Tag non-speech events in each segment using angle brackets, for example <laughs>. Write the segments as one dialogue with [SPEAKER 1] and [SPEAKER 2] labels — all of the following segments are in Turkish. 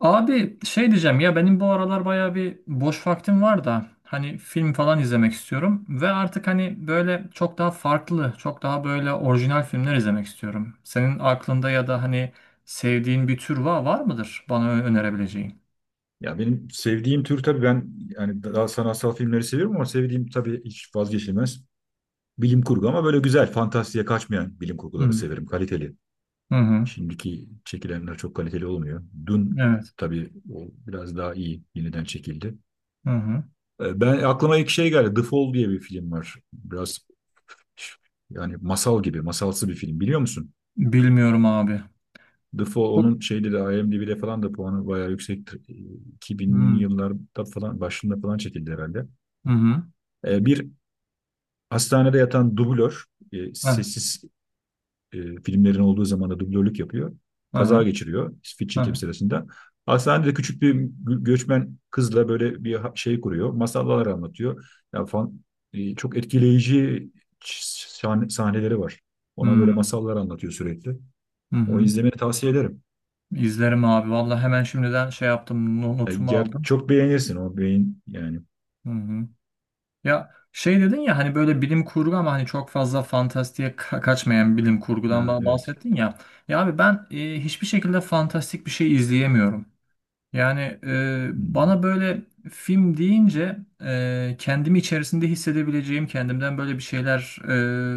[SPEAKER 1] Abi şey diyeceğim ya, benim bu aralar bayağı bir boş vaktim var da hani film falan izlemek istiyorum ve artık hani böyle çok daha farklı, çok daha böyle orijinal filmler izlemek istiyorum. Senin aklında ya da hani sevdiğin bir tür var, var mıdır bana önerebileceğin?
[SPEAKER 2] Ya benim sevdiğim tür, tabii ben yani daha sanatsal filmleri seviyorum, ama sevdiğim tabii hiç vazgeçilmez bilim kurgu, ama böyle güzel, fantastiğe kaçmayan bilim
[SPEAKER 1] Hı
[SPEAKER 2] kurguları
[SPEAKER 1] hı.
[SPEAKER 2] severim, kaliteli.
[SPEAKER 1] Hı.
[SPEAKER 2] Şimdiki çekilenler çok kaliteli olmuyor. Dün
[SPEAKER 1] Evet.
[SPEAKER 2] tabii o biraz daha iyi yeniden çekildi.
[SPEAKER 1] Hı hı.
[SPEAKER 2] Ben aklıma ilk şey geldi. The Fall diye bir film var. Biraz yani masal gibi, masalsı bir film, biliyor musun?
[SPEAKER 1] Bilmiyorum abi.
[SPEAKER 2] The Fall
[SPEAKER 1] Bu-
[SPEAKER 2] onun şeyde de IMDb'de falan da puanı bayağı yüksektir.
[SPEAKER 1] Hı
[SPEAKER 2] 2000'li
[SPEAKER 1] hı.
[SPEAKER 2] yıllarda falan, başında falan çekildi herhalde.
[SPEAKER 1] Hı.
[SPEAKER 2] Bir hastanede yatan dublör,
[SPEAKER 1] Heh,
[SPEAKER 2] sessiz e, filmlerin olduğu zaman da dublörlük yapıyor.
[SPEAKER 1] hı.
[SPEAKER 2] Kaza geçiriyor fit
[SPEAKER 1] Hı
[SPEAKER 2] çekim
[SPEAKER 1] hı.
[SPEAKER 2] sırasında. Hastanede küçük bir göçmen kızla böyle bir şey kuruyor. Masallar anlatıyor. Yani fan, Çok etkileyici sahneleri var.
[SPEAKER 1] Hı
[SPEAKER 2] Ona böyle masallar anlatıyor sürekli.
[SPEAKER 1] hı.
[SPEAKER 2] O,
[SPEAKER 1] Hı.
[SPEAKER 2] izlemeni tavsiye ederim.
[SPEAKER 1] İzlerim abi. Vallahi hemen şimdiden şey yaptım, notumu aldım.
[SPEAKER 2] Çok beğenirsin o beyin yani.
[SPEAKER 1] Hı hı. Ya şey dedin ya hani böyle bilim kurgu ama hani çok fazla fantastiğe kaçmayan bilim kurgudan
[SPEAKER 2] Ha, evet.
[SPEAKER 1] bahsettin ya. Ya abi ben hiçbir şekilde fantastik bir şey izleyemiyorum. Yani
[SPEAKER 2] Hmm.
[SPEAKER 1] bana böyle film deyince kendimi içerisinde hissedebileceğim, kendimden böyle bir şeyler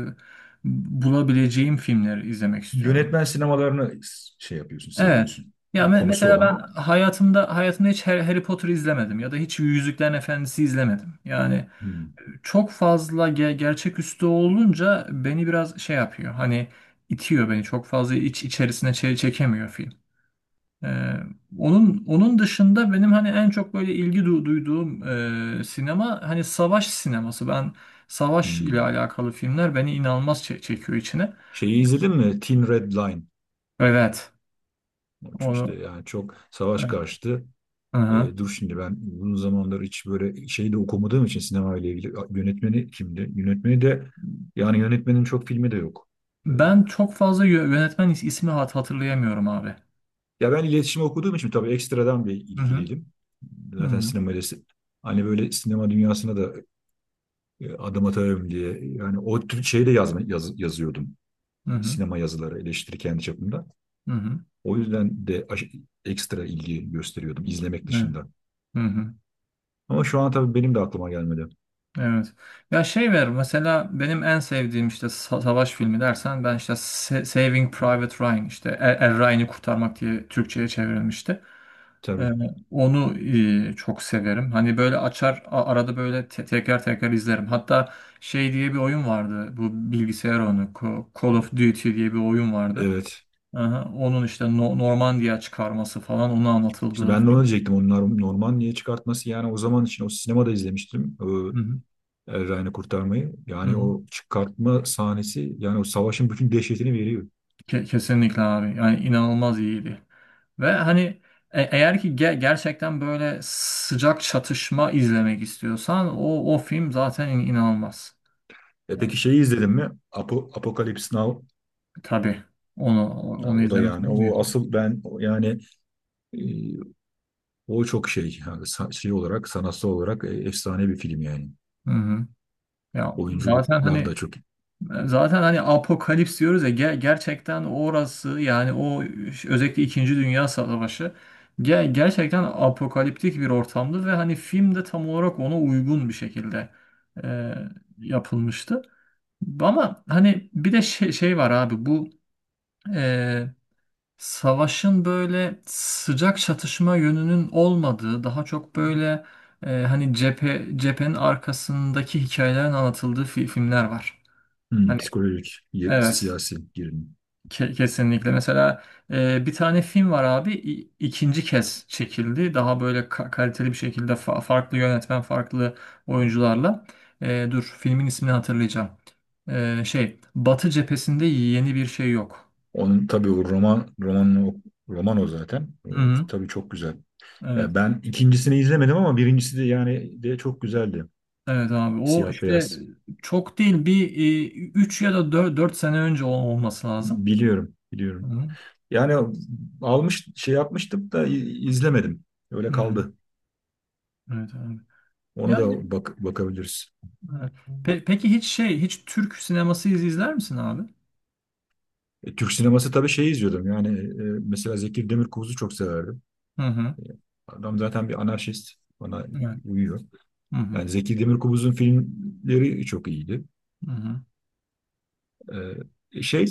[SPEAKER 1] e, bulabileceğim filmleri izlemek istiyorum.
[SPEAKER 2] Yönetmen sinemalarını şey yapıyorsun,
[SPEAKER 1] Evet.
[SPEAKER 2] seviyorsun.
[SPEAKER 1] Ya
[SPEAKER 2] Yani konusu
[SPEAKER 1] mesela ben
[SPEAKER 2] olan.
[SPEAKER 1] hayatımda hiç Harry Potter izlemedim ya da hiç Yüzüklerin Efendisi izlemedim. Yani
[SPEAKER 2] Hmm.
[SPEAKER 1] çok fazla gerçeküstü olunca beni biraz şey yapıyor. Hani itiyor beni. Çok fazla iç içerisine çekemiyor film. Ee, onun dışında benim hani en çok böyle ilgi duyduğum sinema hani savaş sineması. Ben savaş ile
[SPEAKER 2] Hmm.
[SPEAKER 1] alakalı filmler beni inanılmaz çekiyor içine.
[SPEAKER 2] Şeyi izledin mi? Thin Red Line.
[SPEAKER 1] Evet.
[SPEAKER 2] İşte
[SPEAKER 1] Onu,
[SPEAKER 2] yani çok savaş
[SPEAKER 1] evet.
[SPEAKER 2] karşıtı.
[SPEAKER 1] Hı-hı.
[SPEAKER 2] Dur, şimdi ben uzun zamandır hiç böyle şeyi de okumadığım için sinema ile ilgili, A, yönetmeni kimdi? Yönetmeni de yani yönetmenin çok filmi de yok. E,
[SPEAKER 1] Ben çok fazla yönetmen ismi hatırlayamıyorum abi.
[SPEAKER 2] Ya ben iletişim okuduğum için tabii ekstradan bir
[SPEAKER 1] Hı hı.
[SPEAKER 2] ilgiliydim.
[SPEAKER 1] Hı
[SPEAKER 2] Zaten
[SPEAKER 1] hı.
[SPEAKER 2] sinemayla hani böyle sinema dünyasına da adım atarım diye, yani o tür şeyi de yazma, yazıyordum.
[SPEAKER 1] Hı hı.
[SPEAKER 2] Sinema yazıları, eleştiri, kendi çapımda.
[SPEAKER 1] Hı hı.
[SPEAKER 2] O yüzden de ekstra ilgi gösteriyordum izlemek
[SPEAKER 1] Evet.
[SPEAKER 2] dışında.
[SPEAKER 1] Hı hı.
[SPEAKER 2] Ama şu an tabii benim de aklıma gelmedi.
[SPEAKER 1] Evet. Ya şey ver mesela benim en sevdiğim işte savaş filmi dersen, ben işte Saving Private Ryan, işte Er, Er Ryan'ı Kurtarmak diye Türkçe'ye çevrilmişti. Ee,
[SPEAKER 2] Tabii,
[SPEAKER 1] onu çok severim. Hani böyle açar, arada böyle tekrar tekrar izlerim. Hatta şey diye bir oyun vardı. Bu bilgisayar oyunu Call of Duty diye bir oyun vardı.
[SPEAKER 2] evet.
[SPEAKER 1] Aha, onun işte Normandiya çıkarması falan onu
[SPEAKER 2] İşte
[SPEAKER 1] anlatıldığı
[SPEAKER 2] ben de onu
[SPEAKER 1] film.
[SPEAKER 2] diyecektim. Onlar normal niye çıkartması, yani o zaman için o sinemada izlemiştim. O
[SPEAKER 1] Hı hı.
[SPEAKER 2] El Ryan'ı kurtarmayı.
[SPEAKER 1] Hı
[SPEAKER 2] Yani
[SPEAKER 1] hı.
[SPEAKER 2] o çıkartma sahnesi, yani o savaşın bütün dehşetini veriyor.
[SPEAKER 1] Kesinlikle abi. Yani inanılmaz iyiydi. Ve hani eğer ki gerçekten böyle sıcak çatışma izlemek istiyorsan o film zaten inanılmaz.
[SPEAKER 2] E
[SPEAKER 1] Yani,
[SPEAKER 2] peki, şeyi izledin mi? Apo, Apocalypse Now.
[SPEAKER 1] tabii onu
[SPEAKER 2] Ha,
[SPEAKER 1] onu
[SPEAKER 2] o da
[SPEAKER 1] izlemesi
[SPEAKER 2] yani
[SPEAKER 1] olur.
[SPEAKER 2] o asıl, ben yani, e, o çok şey yani, şey olarak, sanatsal olarak, efsane bir film yani.
[SPEAKER 1] Hı hı. Ya zaten
[SPEAKER 2] Oyunculuklar da
[SPEAKER 1] hani,
[SPEAKER 2] çok
[SPEAKER 1] zaten hani apokalips diyoruz ya, gerçekten orası, yani o özellikle İkinci Dünya Savaşı gerçekten apokaliptik bir ortamdı ve hani film de tam olarak ona uygun bir şekilde e, yapılmıştı. Ama hani bir de şey var abi, bu e, savaşın böyle sıcak çatışma yönünün olmadığı daha çok böyle hani cephenin arkasındaki hikayelerin anlatıldığı filmler var.
[SPEAKER 2] hmm,
[SPEAKER 1] Hani
[SPEAKER 2] psikolojik,
[SPEAKER 1] evet.
[SPEAKER 2] siyasi gerilim.
[SPEAKER 1] Kesinlikle. Mesela bir tane film var abi, ikinci kez çekildi. Daha böyle kaliteli bir şekilde, farklı yönetmen, farklı oyuncularla. E, dur, filmin ismini hatırlayacağım. E, şey, Batı Cephesinde Yeni Bir Şey Yok.
[SPEAKER 2] Onun tabii o roman, roman o zaten.
[SPEAKER 1] Hı-hı.
[SPEAKER 2] Tabii çok güzel.
[SPEAKER 1] Evet.
[SPEAKER 2] Ya ben ikincisini izlemedim, ama birincisi de yani de çok güzeldi.
[SPEAKER 1] Evet abi. O
[SPEAKER 2] Siyah
[SPEAKER 1] işte
[SPEAKER 2] beyaz.
[SPEAKER 1] çok değil, bir 3 ya da 4 sene önce olması lazım.
[SPEAKER 2] Biliyorum, biliyorum.
[SPEAKER 1] Hı-hı.
[SPEAKER 2] Yani almış şey yapmıştım da izlemedim. Öyle
[SPEAKER 1] Hı-hı.
[SPEAKER 2] kaldı.
[SPEAKER 1] Evet abi.
[SPEAKER 2] Onu
[SPEAKER 1] Yani
[SPEAKER 2] da bak bakabiliriz.
[SPEAKER 1] evet. Peki hiç hiç Türk sineması izler misin abi?
[SPEAKER 2] Türk sineması tabii şey izliyordum. Yani, mesela Zeki Demirkubuz'u çok severdim.
[SPEAKER 1] Hı hı.
[SPEAKER 2] E, Adam zaten bir anarşist. Bana
[SPEAKER 1] Evet.
[SPEAKER 2] uyuyor.
[SPEAKER 1] Hı hı,
[SPEAKER 2] Yani Zeki Demirkubuz'un filmleri çok iyiydi.
[SPEAKER 1] hı hı.
[SPEAKER 2] E, şey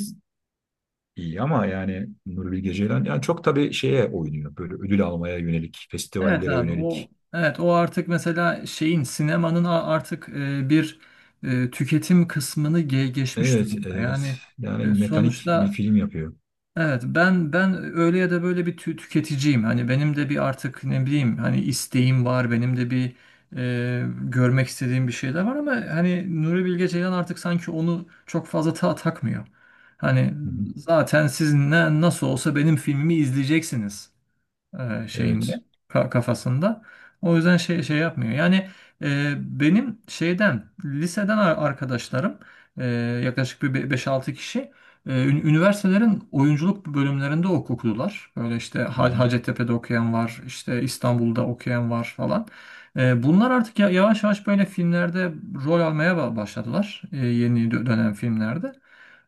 [SPEAKER 2] İyi, ama yani Nuri Bilge Ceylan yani çok tabii şeye oynuyor. Böyle ödül almaya yönelik,
[SPEAKER 1] Evet
[SPEAKER 2] festivallere
[SPEAKER 1] abi, o,
[SPEAKER 2] yönelik.
[SPEAKER 1] evet, o artık mesela sinemanın artık bir tüketim kısmını geçmiş
[SPEAKER 2] Evet,
[SPEAKER 1] durumda.
[SPEAKER 2] evet.
[SPEAKER 1] Yani
[SPEAKER 2] Yani mekanik bir
[SPEAKER 1] sonuçta
[SPEAKER 2] film yapıyor.
[SPEAKER 1] evet, ben öyle ya da böyle bir tüketiciyim. Hani benim de bir artık ne bileyim hani isteğim var. Benim de bir görmek istediğim bir şeyler var, ama hani Nuri Bilge Ceylan artık sanki onu çok fazla takmıyor. Hani
[SPEAKER 2] Hı hı.
[SPEAKER 1] zaten siz ne, nasıl olsa benim filmimi izleyeceksiniz
[SPEAKER 2] Evet.
[SPEAKER 1] şeyinde, kafasında. O yüzden şey yapmıyor. Yani e, benim liseden arkadaşlarım, e, yaklaşık bir 5-6 kişi üniversitelerin oyunculuk bölümlerinde okudular. Böyle işte
[SPEAKER 2] Hı
[SPEAKER 1] Hacettepe'de okuyan var, işte İstanbul'da okuyan var falan. E, bunlar artık yavaş yavaş böyle filmlerde rol almaya başladılar. E, yeni dönem filmlerde.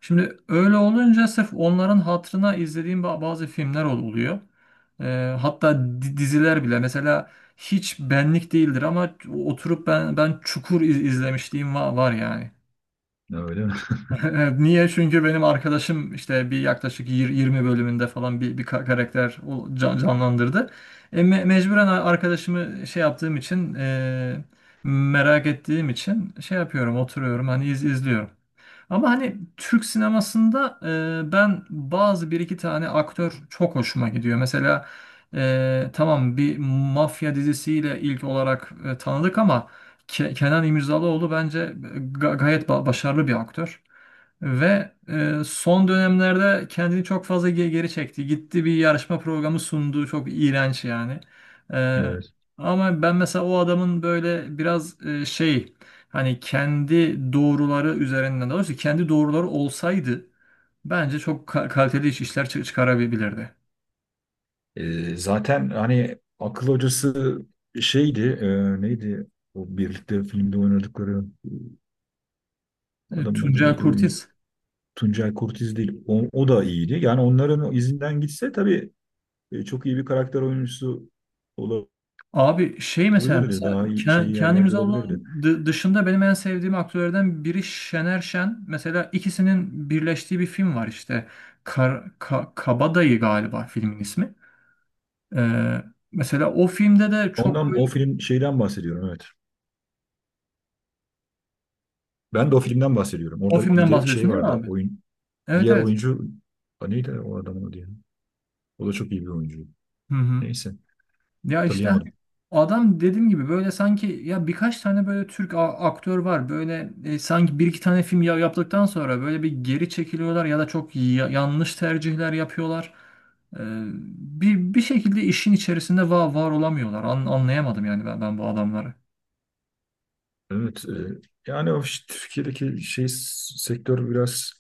[SPEAKER 1] Şimdi öyle olunca sırf onların hatırına izlediğim bazı filmler oluyor. Hatta diziler bile mesela hiç benlik değildir, ama oturup ben Çukur izlemişliğim var, var yani.
[SPEAKER 2] hı. Öyle mi? <laughs>
[SPEAKER 1] <laughs> Niye? Çünkü benim arkadaşım, işte bir yaklaşık 20 bölümünde falan bir karakter canlandırdı. E, mecburen arkadaşımı şey yaptığım için, merak ettiğim için şey yapıyorum, oturuyorum, hani izliyorum. Ama hani Türk sinemasında ben bazı bir iki tane aktör çok hoşuma gidiyor. Mesela tamam, bir mafya dizisiyle ilk olarak tanıdık, ama Kenan İmirzalıoğlu bence gayet başarılı bir aktör. Ve son dönemlerde kendini çok fazla geri çekti. Gitti, bir yarışma programı sundu. Çok iğrenç yani. E,
[SPEAKER 2] Evet.
[SPEAKER 1] ama ben mesela o adamın böyle biraz hani kendi doğruları üzerinden, daha doğrusu kendi doğruları olsaydı bence çok kaliteli işler çıkarabilirdi.
[SPEAKER 2] Zaten hani akıl hocası şeydi, e, neydi? O birlikte filmde oynadıkları
[SPEAKER 1] E,
[SPEAKER 2] adamın adı
[SPEAKER 1] Tuncel
[SPEAKER 2] neydi? Oyuncu,
[SPEAKER 1] Kurtiz.
[SPEAKER 2] Tuncay Kurtiz değil. O, o da iyiydi. Yani onların o izinden gitse tabii çok iyi bir karakter oyuncusu
[SPEAKER 1] Abi şey,
[SPEAKER 2] olabilirdi.
[SPEAKER 1] mesela
[SPEAKER 2] Daha iyi şey
[SPEAKER 1] Kenan
[SPEAKER 2] yerlerde olabilirdi.
[SPEAKER 1] İmirzalıoğlu'nun dışında benim en sevdiğim aktörlerden biri Şener Şen. Mesela ikisinin birleştiği bir film var işte. Kar, Kabadayı galiba filmin ismi. Ee, mesela o filmde de çok
[SPEAKER 2] Ondan, o
[SPEAKER 1] böyle,
[SPEAKER 2] film şeyden bahsediyorum, evet. Ben de o filmden bahsediyorum.
[SPEAKER 1] o
[SPEAKER 2] Orada bir
[SPEAKER 1] filmden
[SPEAKER 2] de şey
[SPEAKER 1] bahsediyorsun değil mi
[SPEAKER 2] vardı,
[SPEAKER 1] abi?
[SPEAKER 2] oyun
[SPEAKER 1] Evet,
[SPEAKER 2] diğer
[SPEAKER 1] evet.
[SPEAKER 2] oyuncu, ha, neydi o adamın adı ya? O da çok iyi bir oyuncu.
[SPEAKER 1] Hı hı.
[SPEAKER 2] Neyse,
[SPEAKER 1] Ya işte hani
[SPEAKER 2] hatırlayamadım.
[SPEAKER 1] adam, dediğim gibi, böyle sanki ya birkaç tane böyle Türk aktör var. Böyle sanki bir iki tane film yaptıktan sonra böyle bir geri çekiliyorlar ya da çok yanlış tercihler yapıyorlar. Ee, bir şekilde işin içerisinde var olamıyorlar. Anlayamadım yani ben bu adamları.
[SPEAKER 2] Evet, yani o işte Türkiye'deki şey sektör biraz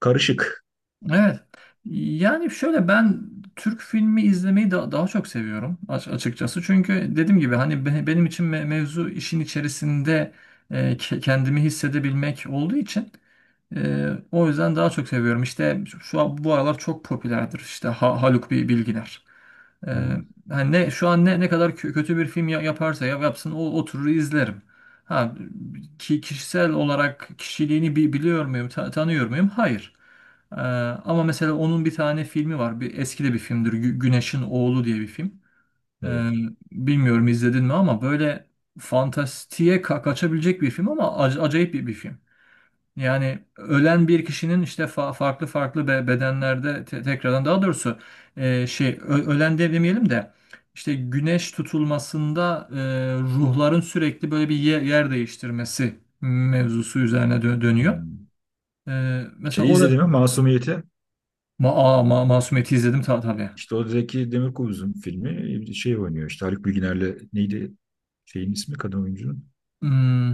[SPEAKER 2] karışık.
[SPEAKER 1] Evet. Yani şöyle, ben Türk filmi izlemeyi daha çok seviyorum açıkçası. Çünkü dediğim gibi, hani benim için mevzu işin içerisinde kendimi hissedebilmek olduğu için o yüzden daha çok seviyorum. İşte şu an bu aralar çok popülerdir. İşte Haluk Bilginer. Ee,
[SPEAKER 2] Hmm,
[SPEAKER 1] hani ne şu an ne kadar kötü bir film yaparsa yapsın, o oturur izlerim. Ha, ki kişisel olarak kişiliğini biliyor muyum, tanıyor muyum? Hayır. Ee, ama mesela onun bir tane filmi var. Bir eski de bir filmdir. Güneşin Oğlu diye bir film. Ee,
[SPEAKER 2] evet.
[SPEAKER 1] bilmiyorum izledin mi, ama böyle fantastiğe kaçabilecek bir film, ama acayip bir film. Yani ölen bir kişinin işte farklı farklı bedenlerde tekrardan, daha doğrusu ölen de demeyelim de, işte güneş tutulmasında, ruhların sürekli böyle bir yer değiştirmesi mevzusu üzerine dönüyor.
[SPEAKER 2] Hmm.
[SPEAKER 1] E, mesela
[SPEAKER 2] Şeyi
[SPEAKER 1] o da
[SPEAKER 2] izledim ya, Masumiyet'i.
[SPEAKER 1] ma aa, ma Masumiyet'i izledim tabii.
[SPEAKER 2] İşte o Zeki Demirkubuz'un filmi, şey oynuyor işte Haluk Bilginer'le, neydi şeyin ismi, kadın oyuncunun.
[SPEAKER 1] Hmm,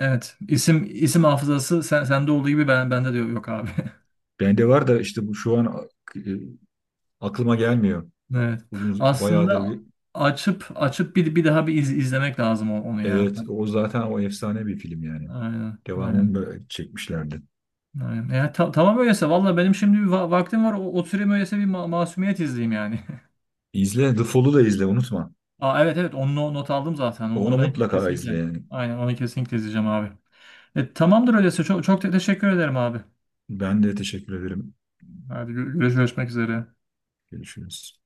[SPEAKER 1] evet. İsim hafızası sen sende olduğu gibi bende de yok abi. <laughs>
[SPEAKER 2] Bende var da, işte bu şu an e, aklıma gelmiyor.
[SPEAKER 1] Evet. Aslında
[SPEAKER 2] Bayağıdır.
[SPEAKER 1] açıp bir daha bir izlemek lazım onu ya.
[SPEAKER 2] Evet, o zaten o efsane bir film yani.
[SPEAKER 1] Aynen,
[SPEAKER 2] Devamını
[SPEAKER 1] aynen,
[SPEAKER 2] böyle çekmişlerdi.
[SPEAKER 1] aynen. Ya, tamam öyleyse, valla benim şimdi bir vaktim var. O, oturayım öyleyse bir masumiyet izleyeyim yani.
[SPEAKER 2] İzle, The Fall'u da izle, unutma.
[SPEAKER 1] <laughs> Aa, evet, evet, onu not aldım zaten. Onu
[SPEAKER 2] Onu
[SPEAKER 1] ben
[SPEAKER 2] mutlaka izle
[SPEAKER 1] kesinlikle.
[SPEAKER 2] yani.
[SPEAKER 1] Aynen, onu kesinlikle izleyeceğim abi. E, tamamdır öyleyse. Çok teşekkür ederim abi.
[SPEAKER 2] Ben de teşekkür ederim.
[SPEAKER 1] Hadi görüşmek üzere.
[SPEAKER 2] Görüşürüz.